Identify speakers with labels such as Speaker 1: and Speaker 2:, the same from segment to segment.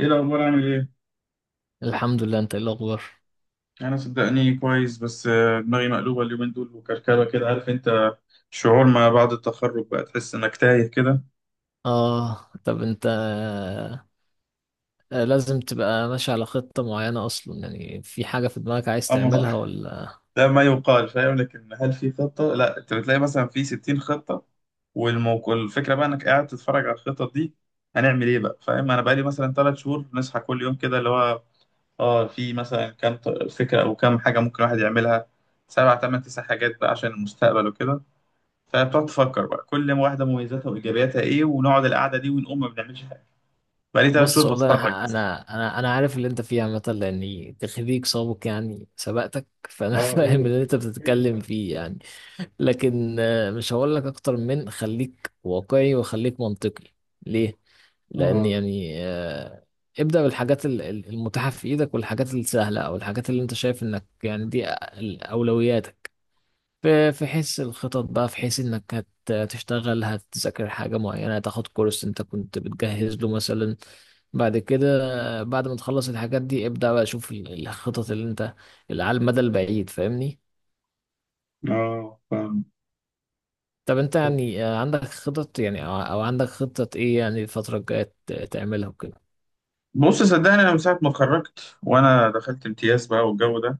Speaker 1: ايه الاخبار، عامل ايه؟
Speaker 2: الحمد لله. انت ايه الاخبار؟
Speaker 1: انا صدقني كويس بس دماغي مقلوبه اليومين دول وكركبه كده، عارف انت. شعور ما بعد التخرج بقى تحس انك تايه كده.
Speaker 2: اه، طب انت، لازم تبقى ماشي على خطة معينة اصلا. يعني في حاجة في دماغك عايز
Speaker 1: اما
Speaker 2: تعملها ولا؟
Speaker 1: ده ما يقال، فاهم؟ لكن هل في خطه؟ لا، انت بتلاقي مثلا في 60 خطه. والموقع الفكره بقى انك قاعد تتفرج على الخطط دي. هنعمل ايه بقى؟ فاهم؟ انا بقالي مثلا 3 شهور نصحى كل يوم كده، اللي هو. اه، في مثلا كام فكره او كام حاجه ممكن الواحد يعملها. سبع، ثمان، تسع حاجات بقى عشان المستقبل وكده. فبتقعد تفكر بقى كل واحدة مميزاتها وإيجابياتها إيه، ونقعد القعدة دي ونقوم ما بنعملش حاجة. بقالي تلات
Speaker 2: بص
Speaker 1: شهور
Speaker 2: والله انا ح-
Speaker 1: بتفرج بس.
Speaker 2: انا انا انا عارف اللي انت فيه عامة، لاني تخريج سابق يعني سبقتك، فانا
Speaker 1: اه، قول.
Speaker 2: فاهم اللي انت بتتكلم
Speaker 1: قول.
Speaker 2: فيه يعني. لكن مش هقول لك اكتر من خليك واقعي وخليك منطقي. ليه؟ لان
Speaker 1: اه،
Speaker 2: يعني ابدأ بالحاجات المتاحة في ايدك، والحاجات السهلة، او الحاجات اللي انت شايف انك يعني دي اولوياتك. في حيث الخطط بقى، في حيث انك هتشتغل، هتذاكر حاجة معينة، هتاخد كورس انت كنت بتجهز له مثلا. بعد كده، بعد ما تخلص الحاجات دي ابدأ بقى شوف الخطط اللي انت، اللي على المدى البعيد، فاهمني؟
Speaker 1: اه، فاهم.
Speaker 2: طب انت
Speaker 1: طب.
Speaker 2: يعني عندك خطط يعني، او عندك خطة ايه يعني الفترة الجاية تعملها وكده؟
Speaker 1: بص صدقني، أنا من ساعة ما اتخرجت وأنا دخلت امتياز بقى والجو ده.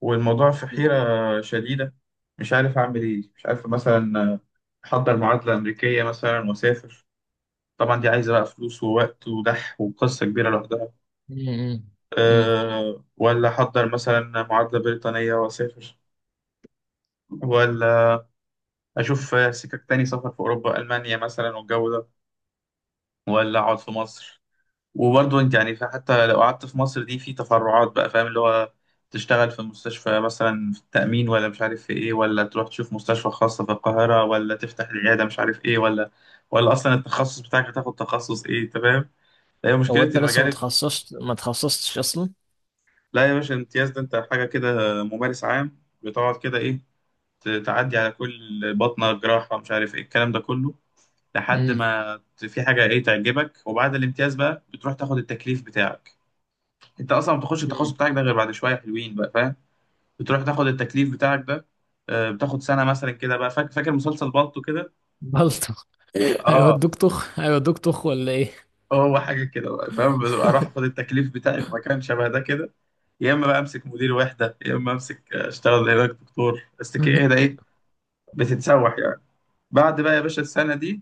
Speaker 1: والموضوع في حيرة شديدة. مش عارف أعمل إيه، مش عارف مثلا. أحضر معادلة أمريكية مثلا وأسافر. طبعا دي عايزة بقى فلوس ووقت ودح، وقصة كبيرة لوحدها.
Speaker 2: مم. مم.
Speaker 1: أه، ولا أحضر مثلا معادلة بريطانية وأسافر. ولا. اشوف سكك تاني سفر في اوروبا، المانيا مثلا، والجو ده. ولا اقعد في مصر. وبرضه انت يعني حتى لو قعدت في مصر، دي في تفرعات بقى، فاهم؟ اللي هو. تشتغل في مستشفى مثلا في التأمين، ولا مش عارف في ايه، ولا تروح تشوف مستشفى خاصة في القاهرة، ولا تفتح العيادة، مش عارف ايه، ولا. ولا اصلا التخصص بتاعك هتاخد تخصص ايه، انت فاهم؟ هي مشكلة
Speaker 2: هو انت لسه
Speaker 1: المجال.
Speaker 2: ما تخصصتش اصلا؟
Speaker 1: لا يا باشا، الامتياز ده انت حاجة كده ممارس عام، بتقعد كده ايه. تعدي على كل بطنة جراحة، مش عارف ايه الكلام ده كله. لحد
Speaker 2: امم.
Speaker 1: ما في حاجه ايه تعجبك، وبعد الامتياز بقى بتروح تاخد التكليف بتاعك. انت اصلا ما بتخش التخصص
Speaker 2: امم.
Speaker 1: بتاعك ده غير بعد شويه حلوين بقى، فاهم؟ بتروح تاخد التكليف بتاعك ده. بتاخد سنه مثلا كده بقى، فاكر مسلسل بالطو كده.
Speaker 2: بلطو؟
Speaker 1: اه.
Speaker 2: هيودوك طخ هيودوك طخ ولا ايه؟
Speaker 1: هو حاجه كده بقى، فاهم؟ بتبقى اروح اخد التكليف بتاعي في مكان شبه ده كده. يا اما بقى امسك مدير وحده، يا اما امسك، اشتغل هناك دكتور بس كده، ايه ده ايه. بتتسوح يعني. بعد بقى يا باشا السنه دي.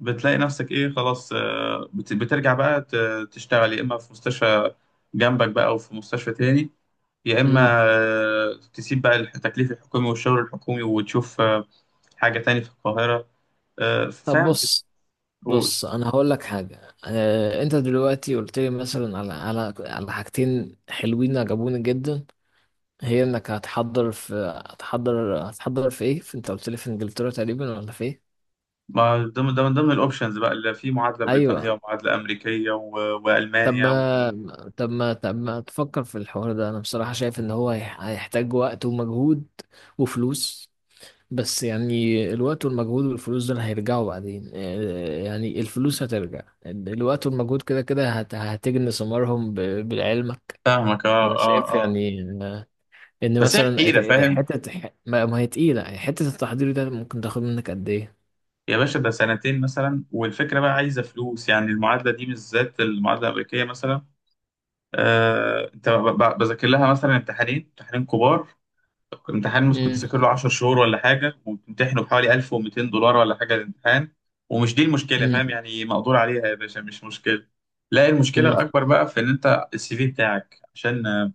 Speaker 1: بتلاقي نفسك ايه؟ خلاص، بترجع بقى تشتغل، يا اما في مستشفى جنبك بقى، او في مستشفى تاني. يا اما.
Speaker 2: امم.
Speaker 1: تسيب بقى التكليف الحكومي والشغل الحكومي، وتشوف حاجة تاني في القاهرة.
Speaker 2: طب
Speaker 1: فاهم؟
Speaker 2: بص،
Speaker 1: بتقول.
Speaker 2: بص انا هقول لك حاجه، انت دلوقتي قلت لي مثلا على على حاجتين حلوين عجبوني جدا. هي انك هتحضر في، هتحضر، هتحضر في ايه، في، انت قلت لي في انجلترا تقريبا ولا في ايه؟
Speaker 1: ما ده من ضمن الاوبشنز بقى، اللي في معادلة
Speaker 2: ايوه.
Speaker 1: بريطانية ومعادلة أمريكية
Speaker 2: طب
Speaker 1: وألمانيا
Speaker 2: ما، طب ما تفكر في الحوار ده؟ انا بصراحه شايف ان هو هيحتاج وقت ومجهود وفلوس، بس يعني الوقت والمجهود والفلوس دول هيرجعوا بعدين. يعني الفلوس هترجع، الوقت والمجهود كده كده هتجني ثمارهم بعلمك.
Speaker 1: فاهمك، اه،
Speaker 2: فأنا
Speaker 1: اه،
Speaker 2: شايف
Speaker 1: اه.
Speaker 2: يعني إن
Speaker 1: بس هي
Speaker 2: مثلا
Speaker 1: الحيرة، فاهم؟
Speaker 2: حتة، ما هي تقيلة يعني، حتة التحضير ده ممكن تاخد منك قد إيه؟
Speaker 1: يا باشا ده سنتين مثلا، والفكرة بقى عايزة فلوس. يعني المعادلة دي بالذات، المعادلة الأمريكية مثلا. انت بذاكر لها مثلا امتحانين، امتحانين كبار. امتحان ممكن
Speaker 2: مم،
Speaker 1: تذاكر له 10 شهور ولا حاجه، وبتمتحنه بحوالي 1200 دولار ولا حاجه الامتحان. ومش دي المشكله،
Speaker 2: مم،
Speaker 1: فاهم؟ يعني مقدور عليها يا باشا، مش مشكله. لا، المشكله
Speaker 2: مم،
Speaker 1: الاكبر بقى في ان انت السي في بتاعك، عشان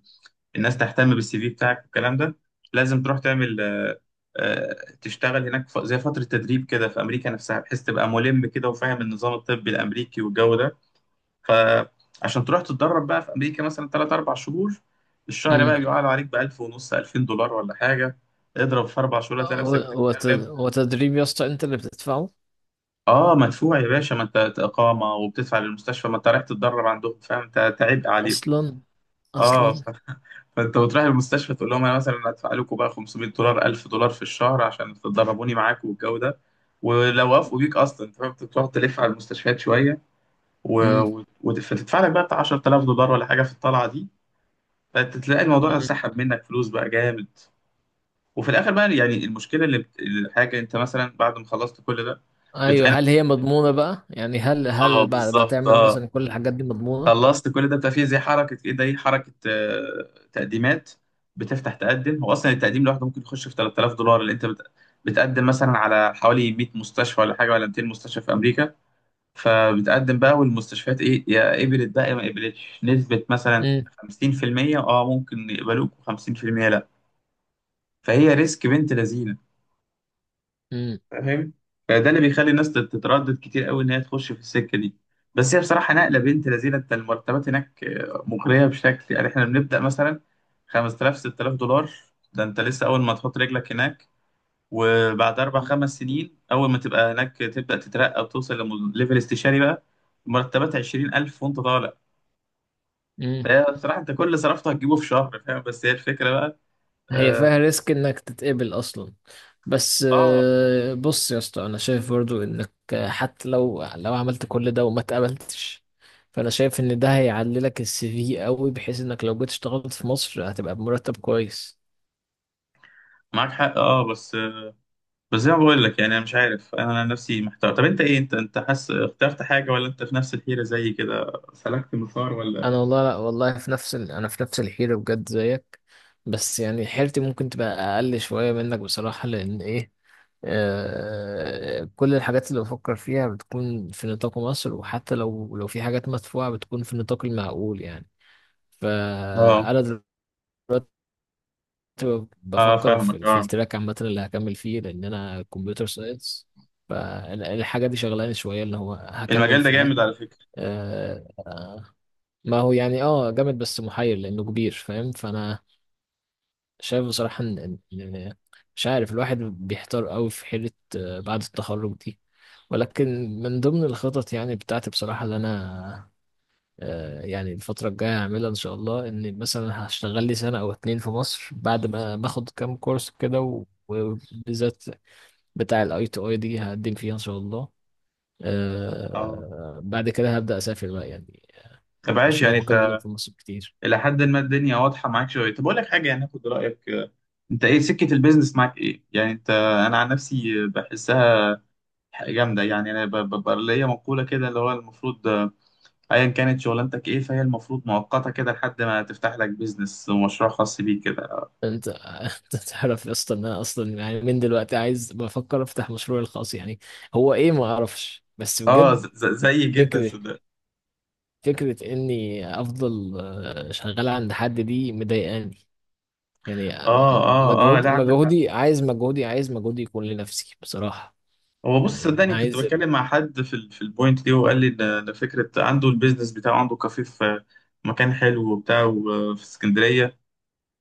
Speaker 1: الناس تهتم بالسي في بتاعك والكلام ده. لازم تروح تعمل تشتغل هناك زي فتره تدريب كده في امريكا نفسها، بحيث تبقى ملم كده وفاهم النظام الطبي الامريكي والجو ده. فعشان تروح تتدرب بقى في امريكا مثلا 3 4 شهور. الشهر
Speaker 2: مم.
Speaker 1: بقى بيقعد عليك ب 1000 ونص 2000 دولار ولا حاجه. اضرب في 4 شهور، هتلاقي
Speaker 2: هو
Speaker 1: نفسك
Speaker 2: هو،
Speaker 1: بتتكلم.
Speaker 2: هو تدريب يا اسطى أنت اللي بتدفعه؟
Speaker 1: اه مدفوع يا باشا، ما انت اقامه وبتدفع للمستشفى، ما انت رايح تتدرب عندهم، فاهم؟ انت تعب عليهم.
Speaker 2: أصلا،
Speaker 1: اه.
Speaker 2: أصلا.
Speaker 1: فانت بتروح المستشفى تقول لهم انا مثلا هدفع لكم بقى 500 دولار، 1000 دولار في الشهر عشان تدربوني معاكم والجو ده. ولو وافقوا بيك اصلا انت فاهم، أنت بتروح تلف على المستشفيات شويه.
Speaker 2: مم،
Speaker 1: وتدفع لك بقى بتاع 10000 دولار ولا حاجه في الطلعه دي. فتلاقي الموضوع
Speaker 2: مم.
Speaker 1: سحب منك فلوس بقى جامد. وفي الاخر بقى، يعني المشكله اللي الحاجه، انت مثلا بعد ما خلصت كل ده.
Speaker 2: أيوه،
Speaker 1: بتلاقي
Speaker 2: هل
Speaker 1: نفسك.
Speaker 2: هي مضمونة بقى؟ يعني هل،
Speaker 1: اه،
Speaker 2: هل بعد ما
Speaker 1: بالظبط،
Speaker 2: تعمل
Speaker 1: اه.
Speaker 2: مثلا كل الحاجات دي مضمونة؟
Speaker 1: خلصت كل ده بتبقى فيه زي حركه ايه ده، ايه، حركه تقديمات. بتفتح تقدم. هو اصلا التقديم لوحده ممكن يخش في 3000 دولار، اللي انت بتقدم مثلا على حوالي 100 مستشفى ولا حاجه، ولا 200 مستشفى في امريكا. فبتقدم بقى، والمستشفيات ايه، يا قبلت بقى يا ما قبلتش، نسبه مثلا 50%، اه، ممكن يقبلوك و50% لا. فهي ريسك بنت لذينه،
Speaker 2: مم.
Speaker 1: فاهم؟ فده اللي بيخلي الناس تتردد كتير قوي ان هي تخش في السكه دي. بس هي بصراحه نقله بنت لذينه. انت المرتبات هناك مغريه بشكل، يعني احنا بنبدا مثلا 5000 6000 دولار. ده انت لسه اول ما تحط رجلك هناك. وبعد 4 5 سنين، اول ما تبقى هناك، تبدا تترقى وتوصل لليفل استشاري بقى، مرتبات 20000 وانت طالع.
Speaker 2: مم.
Speaker 1: فهي بصراحه، انت كل اللي صرفته هتجيبه في شهر، فاهم؟ بس هي الفكره بقى.
Speaker 2: هي
Speaker 1: اه،
Speaker 2: فيها ريسك انك تتقبل اصلا؟ بس
Speaker 1: آه،
Speaker 2: بص يا اسطى، انا شايف برضو انك حتى لو عملت كل ده وما اتقبلتش، فانا شايف ان ده هيعلي لك السي في قوي، بحيث انك لو جيت اشتغلت في مصر هتبقى بمرتب كويس.
Speaker 1: معاك حق، اه بس. بس زي ما بقول لك، يعني انا مش عارف، انا نفسي محتار. طب انت ايه، انت حاسس اخترت حاجه ولا انت في نفس الحيره زي كده؟ سلكت مسار ولا.
Speaker 2: انا والله، لا والله، في نفس ال... انا في نفس الحيره بجد زيك. بس يعني حيرتي ممكن تبقى اقل شويه منك بصراحه، لان ايه، آه... كل الحاجات اللي بفكر فيها بتكون في نطاق مصر، وحتى لو في حاجات مدفوعه بتكون في النطاق المعقول يعني.
Speaker 1: اه
Speaker 2: فانا دلوقتي
Speaker 1: اه
Speaker 2: بفكر
Speaker 1: فاهمك،
Speaker 2: في
Speaker 1: اه.
Speaker 2: التراك عامه اللي هكمل فيه، لان انا كمبيوتر ساينس. فالحاجه دي شغلاني شويه، اللي هو هكمل
Speaker 1: المجال ده
Speaker 2: في ايه.
Speaker 1: جامد على فكره.
Speaker 2: آه... ما هو يعني اه جامد، بس محير لانه كبير، فاهم؟ فانا شايف بصراحه ان مش عارف، الواحد بيحتار قوي في حيره بعد التخرج دي. ولكن من ضمن الخطط يعني بتاعتي بصراحه اللي انا يعني الفتره الجايه هعملها ان شاء الله، ان مثلا هشتغل لي سنه او اتنين في مصر بعد ما باخد كام كورس كده، وبالذات بتاع الاي تو اي دي هقدم فيها ان شاء الله.
Speaker 1: اه،
Speaker 2: بعد كده هبدا اسافر بقى يعني،
Speaker 1: طب عايش
Speaker 2: مش
Speaker 1: يعني
Speaker 2: ناوي اكمل
Speaker 1: انت؟
Speaker 2: في مصر كتير.
Speaker 1: الى حد ما الدنيا واضحه معاك شويه. طب اقول لك حاجه يعني، اخد رايك، انت ايه سكه البيزنس معاك، ايه يعني انت؟ انا عن نفسي بحسها جامده، يعني انا ببقى ليا مقوله كده، اللي هو المفروض، ايا كانت شغلانتك ايه، فهي المفروض مؤقته كده لحد ما تفتح لك بيزنس ومشروع خاص بيك كده.
Speaker 2: انت تعرف يا اسطى ان انا اصلا يعني من دلوقتي عايز، بفكر افتح مشروعي الخاص يعني. هو ايه ما اعرفش بس
Speaker 1: اه
Speaker 2: بجد
Speaker 1: زي جدا
Speaker 2: فكره،
Speaker 1: صدق.
Speaker 2: فكره اني افضل شغال عند حد دي مضايقاني يعني.
Speaker 1: اه، اه، اه،
Speaker 2: مجهود،
Speaker 1: لا، عندك حق.
Speaker 2: مجهودي يكون لنفسي بصراحه،
Speaker 1: هو بص
Speaker 2: يعني
Speaker 1: صدقني، كنت
Speaker 2: عايز.
Speaker 1: بتكلم مع حد في البوينت دي، وقال لي ده فكره، عنده البيزنس بتاعه، عنده كافيه في مكان حلو وبتاع في اسكندريه.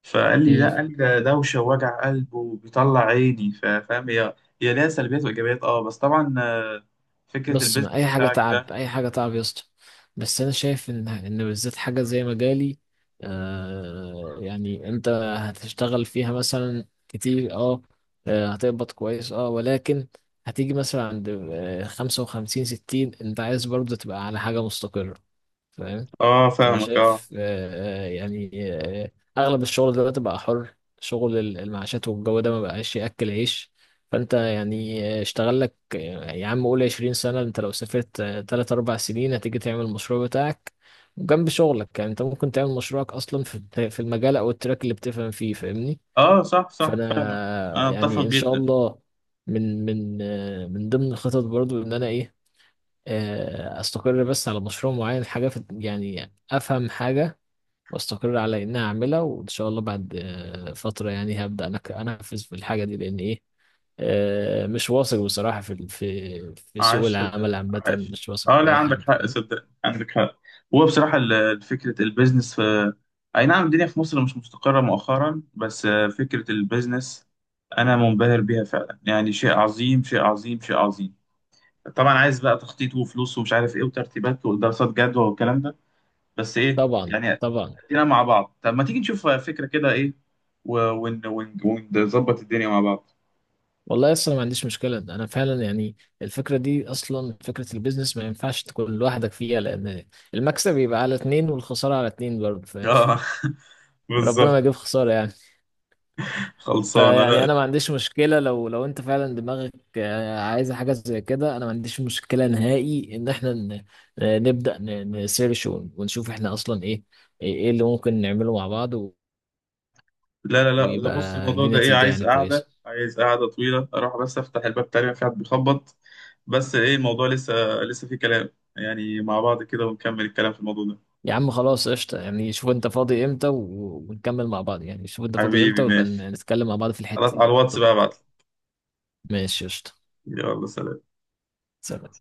Speaker 1: فقال لي لا، قال لي ده دوشه ووجع قلب وبيطلع عيني، فاهم؟ هي، هي ليها سلبيات وايجابيات، اه، بس طبعا فكره
Speaker 2: بص، ما
Speaker 1: البيزنس
Speaker 2: اي حاجه
Speaker 1: بتاعك
Speaker 2: تعب،
Speaker 1: ده.
Speaker 2: اي حاجه تعب يا اسطى، بس انا شايف ان بالذات حاجه زي مجالي، آه يعني انت هتشتغل فيها مثلا كتير اه، هتقبض كويس اه، ولكن هتيجي مثلا عند خمسة وخمسين، ستين، انت عايز برضه تبقى على حاجة مستقرة، فاهم؟
Speaker 1: اه،
Speaker 2: فانا
Speaker 1: فاهمك، اه.
Speaker 2: شايف يعني آه، اغلب الشغل دلوقتي بقى حر، شغل المعاشات والجو ده ما بقاش ياكل عيش. فانت يعني اشتغل لك، يا عم قول 20 سنه. انت لو سافرت 3 4 سنين هتيجي تعمل المشروع بتاعك جنب شغلك، يعني انت ممكن تعمل مشروعك اصلا في في المجال او التراك اللي بتفهم فيه، فاهمني؟
Speaker 1: اه، صح، صح، فاهمك.
Speaker 2: فانا
Speaker 1: انا اتفق
Speaker 2: يعني ان شاء
Speaker 1: جدا.
Speaker 2: الله، من من من ضمن الخطط برضو ان انا ايه، استقر بس على مشروع معين، حاجه في يعني افهم حاجه، واستقر على اني اعملها، وان شاء الله بعد فتره يعني هبدا انا انفذ في الحاجه دي، لان ايه، مش واثق بصراحه في ال-، في في
Speaker 1: عايش
Speaker 2: سوق العمل
Speaker 1: صدقني،
Speaker 2: عامه،
Speaker 1: عايش.
Speaker 2: مش واثق
Speaker 1: اه،
Speaker 2: في
Speaker 1: لا
Speaker 2: اي
Speaker 1: عندك
Speaker 2: حاجه،
Speaker 1: حق،
Speaker 2: فاهم؟
Speaker 1: صدقني عندك حق. هو بصراحة فكرة البيزنس في، اي نعم الدنيا في مصر مش مستقرة مؤخرا، بس فكرة البيزنس انا منبهر بيها فعلا، يعني شيء عظيم، شيء عظيم، شيء عظيم. طبعا عايز بقى تخطيط وفلوس ومش عارف ايه وترتيبات ودراسات جدوى والكلام ده. بس ايه
Speaker 2: طبعا
Speaker 1: يعني.
Speaker 2: طبعا.
Speaker 1: ادينا مع بعض، طب ما تيجي نشوف فكرة كده، ايه، ونظبط الدنيا مع بعض.
Speaker 2: والله اصلا ما عنديش مشكله انا فعلا يعني. الفكره دي اصلا، فكره البيزنس ما ينفعش تكون لوحدك فيها، لان المكسب يبقى على اتنين والخساره على اتنين برضه، فاهم؟
Speaker 1: اه،
Speaker 2: ربنا ما يجيب
Speaker 1: بالظبط.
Speaker 2: خساره يعني.
Speaker 1: خلصانة
Speaker 2: فيعني
Speaker 1: لا.
Speaker 2: انا ما عنديش مشكله، لو انت فعلا دماغك عايزه حاجه زي كده، انا ما عنديش مشكله نهائي ان احنا نبدا نسيرش ونشوف احنا اصلا ايه، ايه إيه اللي ممكن نعمله مع بعض
Speaker 1: لا لا لا، ده
Speaker 2: ويبقى
Speaker 1: بص الموضوع ده،
Speaker 2: ليه
Speaker 1: ايه،
Speaker 2: نتيجه
Speaker 1: عايز
Speaker 2: يعني كويسه.
Speaker 1: قعدة، عايز قعدة طويلة. اروح بس افتح الباب، تقريبا في حد بيخبط. بس ايه الموضوع لسه، لسه في كلام، يعني مع بعض كده ونكمل الكلام في الموضوع ده.
Speaker 2: يا عم خلاص قشطه، يعني شوف انت فاضي امتى ونكمل مع بعض، يعني شوف انت فاضي
Speaker 1: حبيبي
Speaker 2: امتى ويبقى
Speaker 1: ماشي.
Speaker 2: نتكلم مع بعض في
Speaker 1: خلاص،
Speaker 2: الحته
Speaker 1: على
Speaker 2: دي.
Speaker 1: الواتس
Speaker 2: طب
Speaker 1: بقى ابعتلي.
Speaker 2: ماشي قشطه.
Speaker 1: يلا سلام.
Speaker 2: سلام.